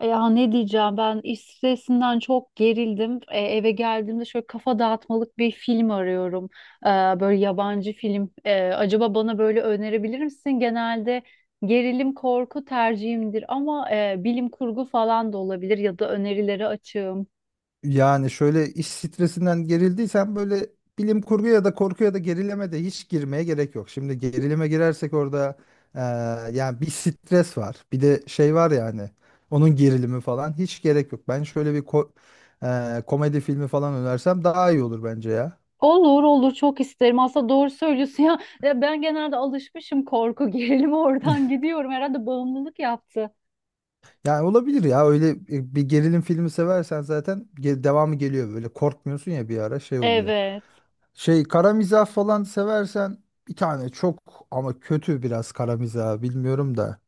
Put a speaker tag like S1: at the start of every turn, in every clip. S1: Ya ne diyeceğim ben iş stresinden çok gerildim. Eve geldiğimde şöyle kafa dağıtmalık bir film arıyorum. E, Böyle yabancı film. Acaba bana böyle önerebilir misin? Genelde gerilim korku tercihimdir ama bilim kurgu falan da olabilir ya da önerileri açığım.
S2: Yani şöyle iş stresinden gerildiysen böyle bilim kurgu ya da korku ya da gerileme de hiç girmeye gerek yok. Şimdi gerilime girersek orada eee, yani bir stres var. Bir de şey var yani onun gerilimi falan hiç gerek yok. Ben şöyle bir komedi filmi falan önersem daha iyi olur bence ya.
S1: Olur olur, çok isterim. Aslında doğru söylüyorsun ya. Ya ben genelde alışmışım korku gerilime, oradan gidiyorum. Herhalde bağımlılık yaptı.
S2: Yani olabilir ya öyle bir gerilim filmi seversen zaten devamı geliyor böyle korkmuyorsun ya bir ara şey oluyor.
S1: Evet.
S2: Şey kara mizah falan seversen bir tane çok ama kötü biraz kara mizah bilmiyorum da.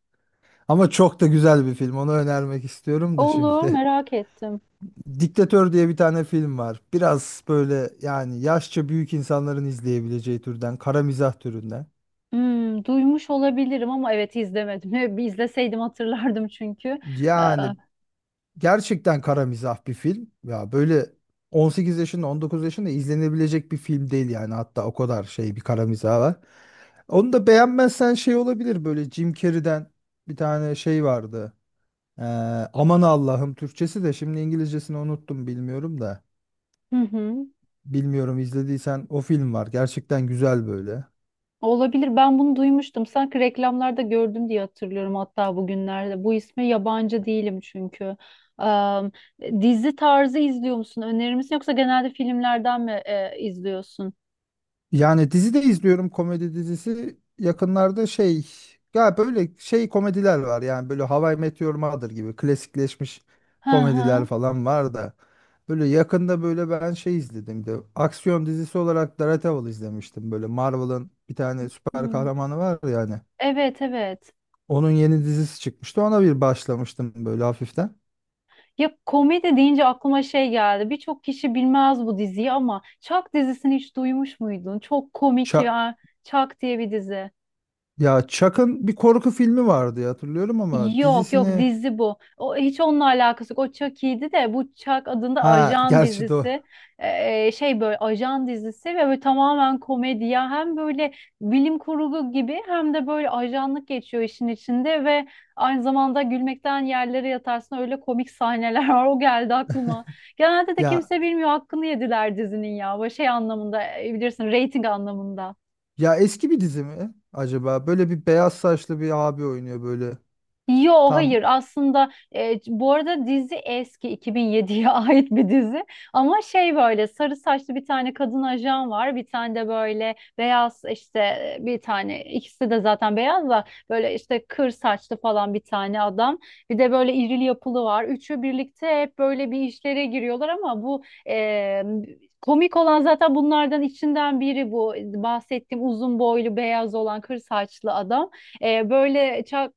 S2: Ama çok da güzel bir film onu önermek istiyorum da
S1: Olur,
S2: şimdi.
S1: merak ettim.
S2: Diktatör diye bir tane film var. Biraz böyle yani yaşça büyük insanların izleyebileceği türden kara mizah türünden.
S1: Hmm, duymuş olabilirim ama evet, izlemedim. Bir izleseydim hatırlardım çünkü. Ee,
S2: Yani gerçekten kara mizah bir film. Ya böyle 18 yaşında 19 yaşında izlenebilecek bir film değil yani hatta o kadar şey bir kara mizah var. Onu da beğenmezsen şey olabilir böyle Jim Carrey'den bir tane şey vardı. Ee, Aman Allah'ım Türkçesi de şimdi İngilizcesini unuttum bilmiyorum da.
S1: hı hı.
S2: Bilmiyorum izlediysen o film var. Gerçekten güzel böyle.
S1: Olabilir. Ben bunu duymuştum. Sanki reklamlarda gördüm diye hatırlıyorum hatta bugünlerde. Bu isme yabancı değilim çünkü. Ee, Dizi tarzı izliyor musun? Önerir misin? Yoksa genelde filmlerden mi izliyorsun?
S2: Yani dizi de izliyorum komedi dizisi. Yakınlarda şey ya böyle şey komediler var yani böyle How I Met Your Mother gibi klasikleşmiş
S1: Hı
S2: komediler
S1: hı.
S2: falan var da. Böyle yakında böyle ben şey izledim de aksiyon dizisi olarak Daredevil izlemiştim. Böyle Marvel'ın bir tane süper
S1: Hmm.
S2: kahramanı var yani.
S1: Evet, evet.
S2: Onun yeni dizisi çıkmıştı. Ona bir başlamıştım böyle hafiften.
S1: Ya komedi deyince aklıma şey geldi. Birçok kişi bilmez bu diziyi ama Chuck dizisini hiç duymuş muydun? Çok komik
S2: Ça-
S1: ya. Chuck diye bir dizi.
S2: ya Chuck'ın bir korku filmi vardı ya, hatırlıyorum ama
S1: Yok yok,
S2: dizisini
S1: dizi bu. O hiç, onunla alakası yok. O Chucky'ydi, de bu Chuck adında
S2: ha
S1: ajan
S2: gerçi de o.
S1: dizisi. Şey böyle ajan dizisi ve böyle tamamen komedi ya. Hem böyle bilim kurgu gibi hem de böyle ajanlık geçiyor işin içinde ve aynı zamanda gülmekten yerlere yatarsın, öyle komik sahneler var. O geldi aklıma. Genelde de
S2: Ya
S1: kimse bilmiyor, hakkını yediler dizinin ya. Böyle şey anlamında, bilirsin, reyting anlamında.
S2: Ya eski bir dizi mi acaba? Böyle bir beyaz saçlı bir abi oynuyor böyle.
S1: Yo hayır,
S2: Tam
S1: aslında bu arada dizi eski, 2007'ye ait bir dizi ama şey böyle sarı saçlı bir tane kadın ajan var, bir tane de böyle beyaz işte, bir tane, ikisi de zaten beyaz da, böyle işte kır saçlı falan bir tane adam, bir de böyle irili yapılı var, üçü birlikte hep böyle bir işlere giriyorlar ama bu e, komik olan zaten bunlardan içinden biri, bu bahsettiğim uzun boylu beyaz olan kır saçlı adam. Böyle ça-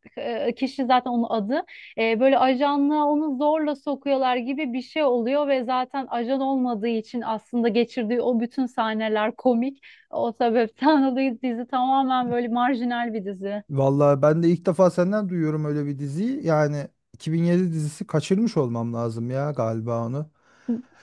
S1: e, kişi zaten onun adı. Böyle ajanlığa onu zorla sokuyorlar gibi bir şey oluyor ve zaten ajan olmadığı için aslında geçirdiği o bütün sahneler komik. O sebepten dolayı dizi tamamen böyle marjinal bir dizi.
S2: vallahi ben de ilk defa senden duyuyorum öyle bir diziyi. Yani 2007 dizisi kaçırmış olmam lazım ya galiba onu.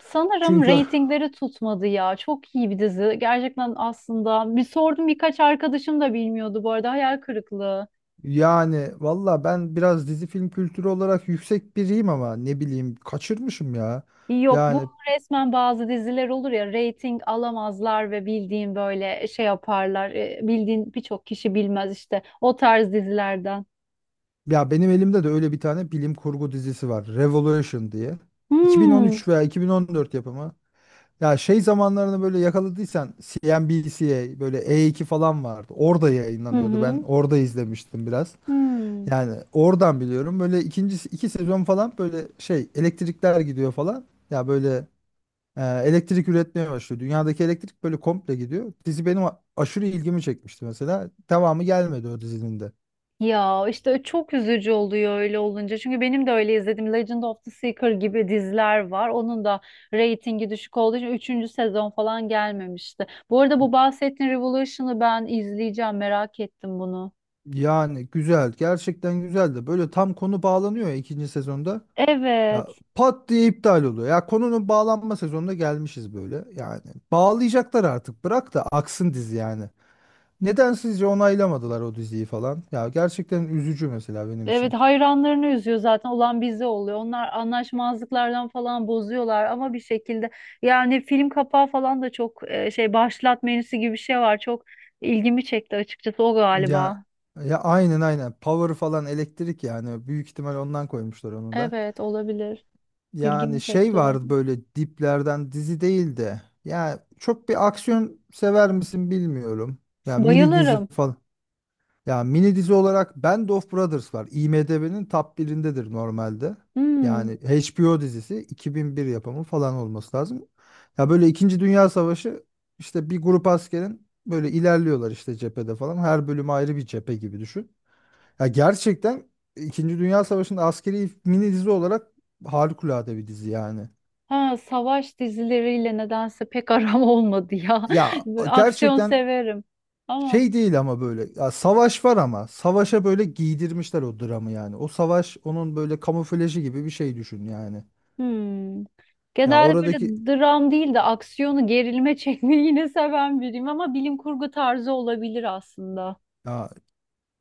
S1: Sanırım
S2: Çünkü
S1: reytingleri tutmadı ya. Çok iyi bir dizi. Gerçekten aslında bir sordum, birkaç arkadaşım da bilmiyordu bu arada. Hayal kırıklığı.
S2: yani valla ben biraz dizi film kültürü olarak yüksek biriyim ama ne bileyim kaçırmışım ya.
S1: Yok bu
S2: Yani
S1: resmen, bazı diziler olur ya reyting alamazlar ve bildiğin böyle şey yaparlar. Bildiğin birçok kişi bilmez işte o tarz dizilerden.
S2: ya benim elimde de öyle bir tane bilim kurgu dizisi var. Revolution diye.
S1: Hmm.
S2: 2013 veya 2014 yapımı. Ya şey zamanlarını böyle yakaladıysan CNBC'ye böyle E2 falan vardı. Orada
S1: Hı
S2: yayınlanıyordu. Ben
S1: hı.
S2: orada izlemiştim biraz.
S1: Hmm.
S2: Yani oradan biliyorum. Böyle ikinci iki sezon falan böyle şey elektrikler gidiyor falan. Ya böyle elektrik üretmeye başlıyor. Dünyadaki elektrik böyle komple gidiyor. Dizi benim aşırı ilgimi çekmişti mesela. Devamı gelmedi o dizinin de.
S1: Ya işte çok üzücü oluyor öyle olunca. Çünkü benim de öyle izlediğim Legend of the Seeker gibi diziler var. Onun da reytingi düşük olduğu için üçüncü sezon falan gelmemişti. Bu arada bu bahsettiğin Revolution'ı ben izleyeceğim. Merak ettim bunu.
S2: Yani güzel. Gerçekten güzeldi. Böyle tam konu bağlanıyor ya ikinci sezonda. Ya,
S1: Evet.
S2: pat diye iptal oluyor. Ya konunun bağlanma sezonuna gelmişiz böyle. Yani bağlayacaklar artık. Bırak da aksın dizi yani. Neden sizce onaylamadılar o diziyi falan? Ya gerçekten üzücü mesela benim
S1: Evet,
S2: için.
S1: hayranlarını üzüyor, zaten olan bize oluyor. Onlar anlaşmazlıklardan falan bozuyorlar ama bir şekilde, yani film kapağı falan da çok şey, başlat menüsü gibi bir şey var. Çok ilgimi çekti açıkçası o
S2: Ya
S1: galiba.
S2: ya aynen aynen. Power falan elektrik yani. Büyük ihtimal ondan koymuşlar onu da.
S1: Evet, olabilir. İlgimi
S2: Yani şey
S1: çekti o.
S2: vardı böyle diplerden dizi değildi. Ya çok bir aksiyon sever misin bilmiyorum. Ya mini dizi
S1: Bayılırım.
S2: falan. Ya mini dizi olarak Band of Brothers var. IMDb'nin top birindedir normalde.
S1: Hmm.
S2: Yani HBO dizisi 2001 yapımı falan olması lazım. Ya böyle İkinci Dünya Savaşı işte bir grup askerin böyle ilerliyorlar işte cephede falan. Her bölüm ayrı bir cephe gibi düşün. Ya gerçekten İkinci Dünya Savaşı'nda askeri mini dizi olarak harikulade bir dizi yani.
S1: Ha, savaş dizileriyle nedense pek aram olmadı ya.
S2: Ya
S1: Böyle aksiyon
S2: gerçekten
S1: severim. Ama
S2: şey değil ama böyle ya savaş var ama savaşa böyle giydirmişler o dramı yani. O savaş onun böyle kamuflajı gibi bir şey düşün yani.
S1: hmm.
S2: Ya
S1: Genelde böyle
S2: oradaki
S1: dram değil de aksiyonu, gerilme çekmeyi yine seven biriyim ama bilim kurgu tarzı olabilir aslında.
S2: ya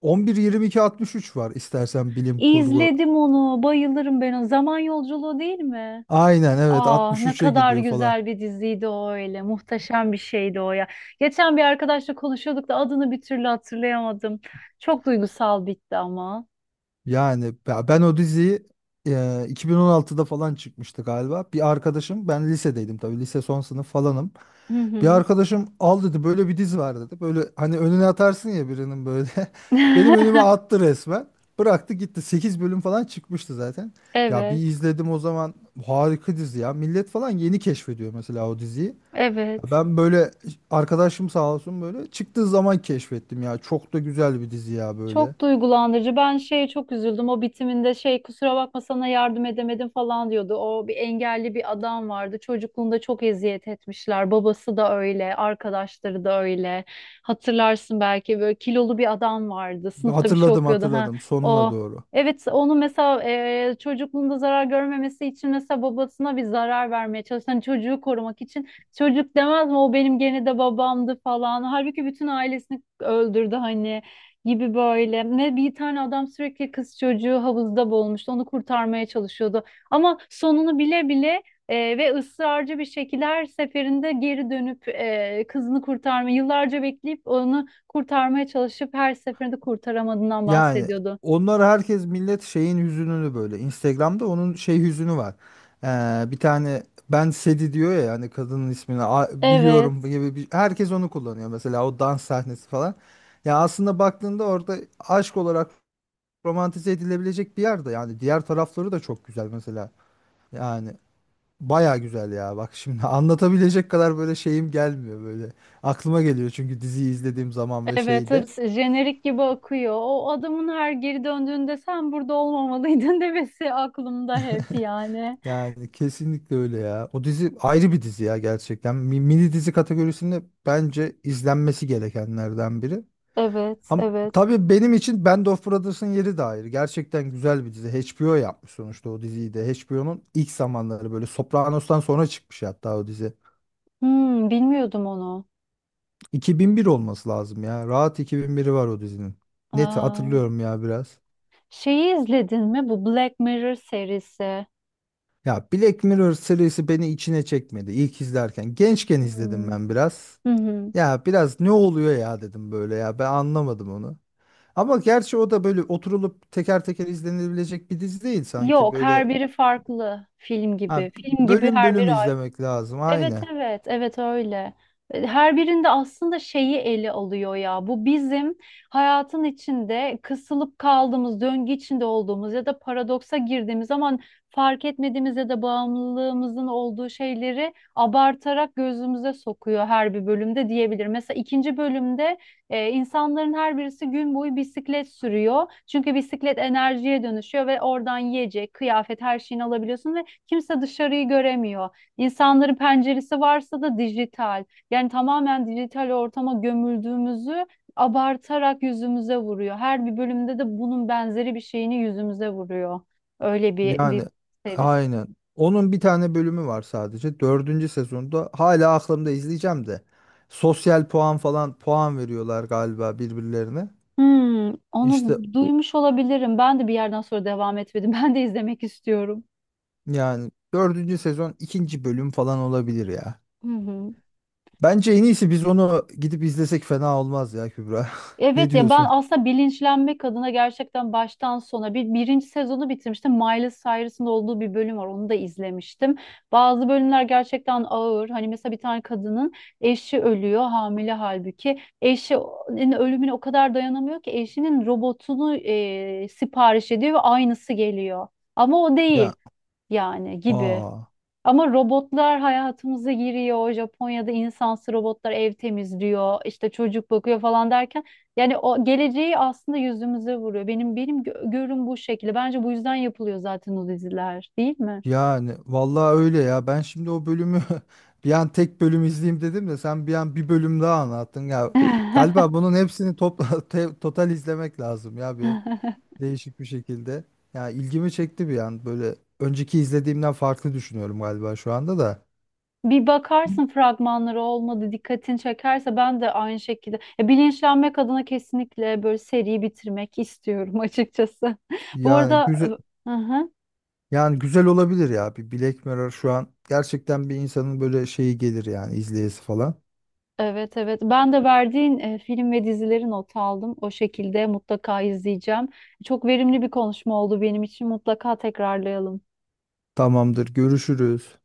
S2: 11-22-63 var istersen bilim kurgu.
S1: İzledim onu, bayılırım ben o. Zaman Yolculuğu değil mi?
S2: Aynen evet
S1: Ah, ne
S2: 63'e
S1: kadar
S2: gidiyor falan.
S1: güzel bir diziydi o öyle. Muhteşem bir şeydi o ya. Geçen bir arkadaşla konuşuyorduk da adını bir türlü hatırlayamadım. Çok duygusal bitti ama.
S2: Yani ya ben o diziyi 2016'da falan çıkmıştı galiba. Bir arkadaşım ben lisedeydim tabii lise son sınıf falanım.
S1: Hı
S2: Bir
S1: hı.
S2: arkadaşım al dedi böyle bir diz var dedi. Böyle hani önüne atarsın ya birinin böyle. Benim önüme attı resmen. Bıraktı gitti. Sekiz bölüm falan çıkmıştı zaten. Ya bir
S1: Evet,
S2: izledim o zaman harika dizi ya. Millet falan yeni keşfediyor mesela o diziyi. Ya
S1: evet.
S2: ben böyle arkadaşım sağ olsun böyle çıktığı zaman keşfettim ya. Çok da güzel bir dizi ya böyle.
S1: Çok duygulandırıcı. Ben şeye çok üzüldüm. O bitiminde şey, kusura bakma sana yardım edemedim falan diyordu. O bir engelli bir adam vardı. Çocukluğunda çok eziyet etmişler. Babası da öyle, arkadaşları da öyle. Hatırlarsın belki, böyle kilolu bir adam vardı. Sınıfta bir şey
S2: Hatırladım
S1: okuyordu. Ha,
S2: hatırladım sonuna
S1: o
S2: doğru.
S1: evet, onu mesela çocukluğunda zarar görmemesi için, mesela babasına bir zarar vermeye çalışan çocuğu korumak için çocuk demez mi o benim gene de babamdı falan. Halbuki bütün ailesini öldürdü, hani gibi böyle. Ne bir tane adam sürekli kız çocuğu havuzda boğulmuştu. Onu kurtarmaya çalışıyordu. Ama sonunu bile bile ve ısrarcı bir şekilde her seferinde geri dönüp kızını kurtarma, yıllarca bekleyip onu kurtarmaya çalışıp her seferinde kurtaramadığından
S2: Yani
S1: bahsediyordu.
S2: onlar herkes millet şeyin hüzününü böyle. Instagram'da onun şey hüzünü var. Bir tane ben Sedi diyor ya hani kadının ismini biliyorum
S1: Evet,
S2: gibi bir, herkes onu kullanıyor mesela o dans sahnesi falan. Ya aslında baktığında orada aşk olarak romantize edilebilecek bir yerde yani diğer tarafları da çok güzel mesela. Yani baya güzel ya bak şimdi anlatabilecek kadar böyle şeyim gelmiyor böyle. Aklıma geliyor çünkü diziyi izlediğim zaman ve
S1: evet,
S2: şeyde.
S1: hepsi jenerik gibi akıyor. O adamın her geri döndüğünde sen burada olmamalıydın demesi aklımda hep yani.
S2: Yani kesinlikle öyle ya. O dizi ayrı bir dizi ya gerçekten. Mini dizi kategorisinde bence izlenmesi gerekenlerden biri.
S1: Evet,
S2: Ama
S1: evet.
S2: tabii benim için Band of Brothers'ın yeri de ayrı. Gerçekten güzel bir dizi. HBO yapmış sonuçta o diziyi de. HBO'nun ilk zamanları böyle Sopranos'tan sonra çıkmış hatta o dizi.
S1: Hmm, bilmiyordum onu.
S2: 2001 olması lazım ya. Rahat 2001'i var o dizinin. Net
S1: Aa.
S2: hatırlıyorum ya biraz.
S1: Şeyi izledin mi? Bu Black Mirror serisi.
S2: Ya Black Mirror serisi beni içine çekmedi ilk izlerken. Gençken izledim
S1: Hmm.
S2: ben biraz.
S1: Hı hı.
S2: Ya biraz ne oluyor ya dedim böyle ya ben anlamadım onu. Ama gerçi o da böyle oturulup teker teker izlenebilecek bir dizi değil sanki
S1: Yok,
S2: böyle
S1: her biri farklı film gibi.
S2: ha,
S1: Film gibi
S2: bölüm
S1: her
S2: bölüm
S1: biri.
S2: izlemek lazım
S1: Evet
S2: aynen.
S1: evet evet, öyle. Her birinde aslında şeyi ele alıyor ya. Bu bizim hayatın içinde kısılıp kaldığımız, döngü içinde olduğumuz ya da paradoksa girdiğimiz zaman fark etmediğimiz ya da bağımlılığımızın olduğu şeyleri abartarak gözümüze sokuyor her bir bölümde diyebilir. Mesela ikinci bölümde insanların her birisi gün boyu bisiklet sürüyor. Çünkü bisiklet enerjiye dönüşüyor ve oradan yiyecek, kıyafet her şeyini alabiliyorsun ve kimse dışarıyı göremiyor. İnsanların penceresi varsa da dijital. Yani tamamen dijital ortama gömüldüğümüzü abartarak yüzümüze vuruyor. Her bir bölümde de bunun benzeri bir şeyini yüzümüze vuruyor. Öyle bir dizi
S2: Yani
S1: serisi.
S2: aynen. Onun bir tane bölümü var sadece. Dördüncü sezonda hala aklımda izleyeceğim de. Sosyal puan falan puan veriyorlar galiba birbirlerine.
S1: Hmm,
S2: İşte
S1: onu duymuş olabilirim. Ben de bir yerden sonra devam etmedim. Ben de izlemek istiyorum.
S2: yani dördüncü sezon ikinci bölüm falan olabilir ya.
S1: Hı hı.
S2: Bence en iyisi biz onu gidip izlesek fena olmaz ya Kübra. Ne
S1: Evet ya, ben
S2: diyorsun?
S1: aslında bilinçlenmek adına gerçekten baştan sona bir birinci sezonu bitirmiştim. Miley Cyrus'ın olduğu bir bölüm var. Onu da izlemiştim. Bazı bölümler gerçekten ağır. Hani mesela bir tane kadının eşi ölüyor, hamile halbuki. Eşinin ölümüne o kadar dayanamıyor ki eşinin robotunu sipariş ediyor ve aynısı geliyor. Ama o
S2: Ya
S1: değil yani, gibi.
S2: aa
S1: Ama robotlar hayatımıza giriyor. Japonya'da insansı robotlar ev temizliyor, işte çocuk bakıyor falan derken, yani o geleceği aslında yüzümüze vuruyor. Benim görüm bu şekilde. Bence bu yüzden yapılıyor zaten o diziler, değil mi?
S2: yani vallahi öyle ya. Ben şimdi o bölümü bir an tek bölüm izleyeyim dedim de sen bir an bir bölüm daha anlattın ya. Galiba bunun hepsini topla total izlemek lazım ya bir değişik bir şekilde. Ya ilgimi çekti bir an böyle önceki izlediğimden farklı düşünüyorum galiba şu anda da.
S1: Bir bakarsın, fragmanları olmadı, dikkatini çekerse ben de aynı şekilde. Ya, bilinçlenmek adına kesinlikle böyle seriyi bitirmek istiyorum açıkçası. Bu
S2: Yani
S1: arada
S2: güzel yani güzel olabilir ya bir Black Mirror şu an gerçekten bir insanın böyle şeyi gelir yani izleyesi falan.
S1: evet evet. Ben de verdiğin film ve dizileri not aldım. O şekilde mutlaka izleyeceğim. Çok verimli bir konuşma oldu benim için. Mutlaka tekrarlayalım.
S2: Tamamdır. Görüşürüz.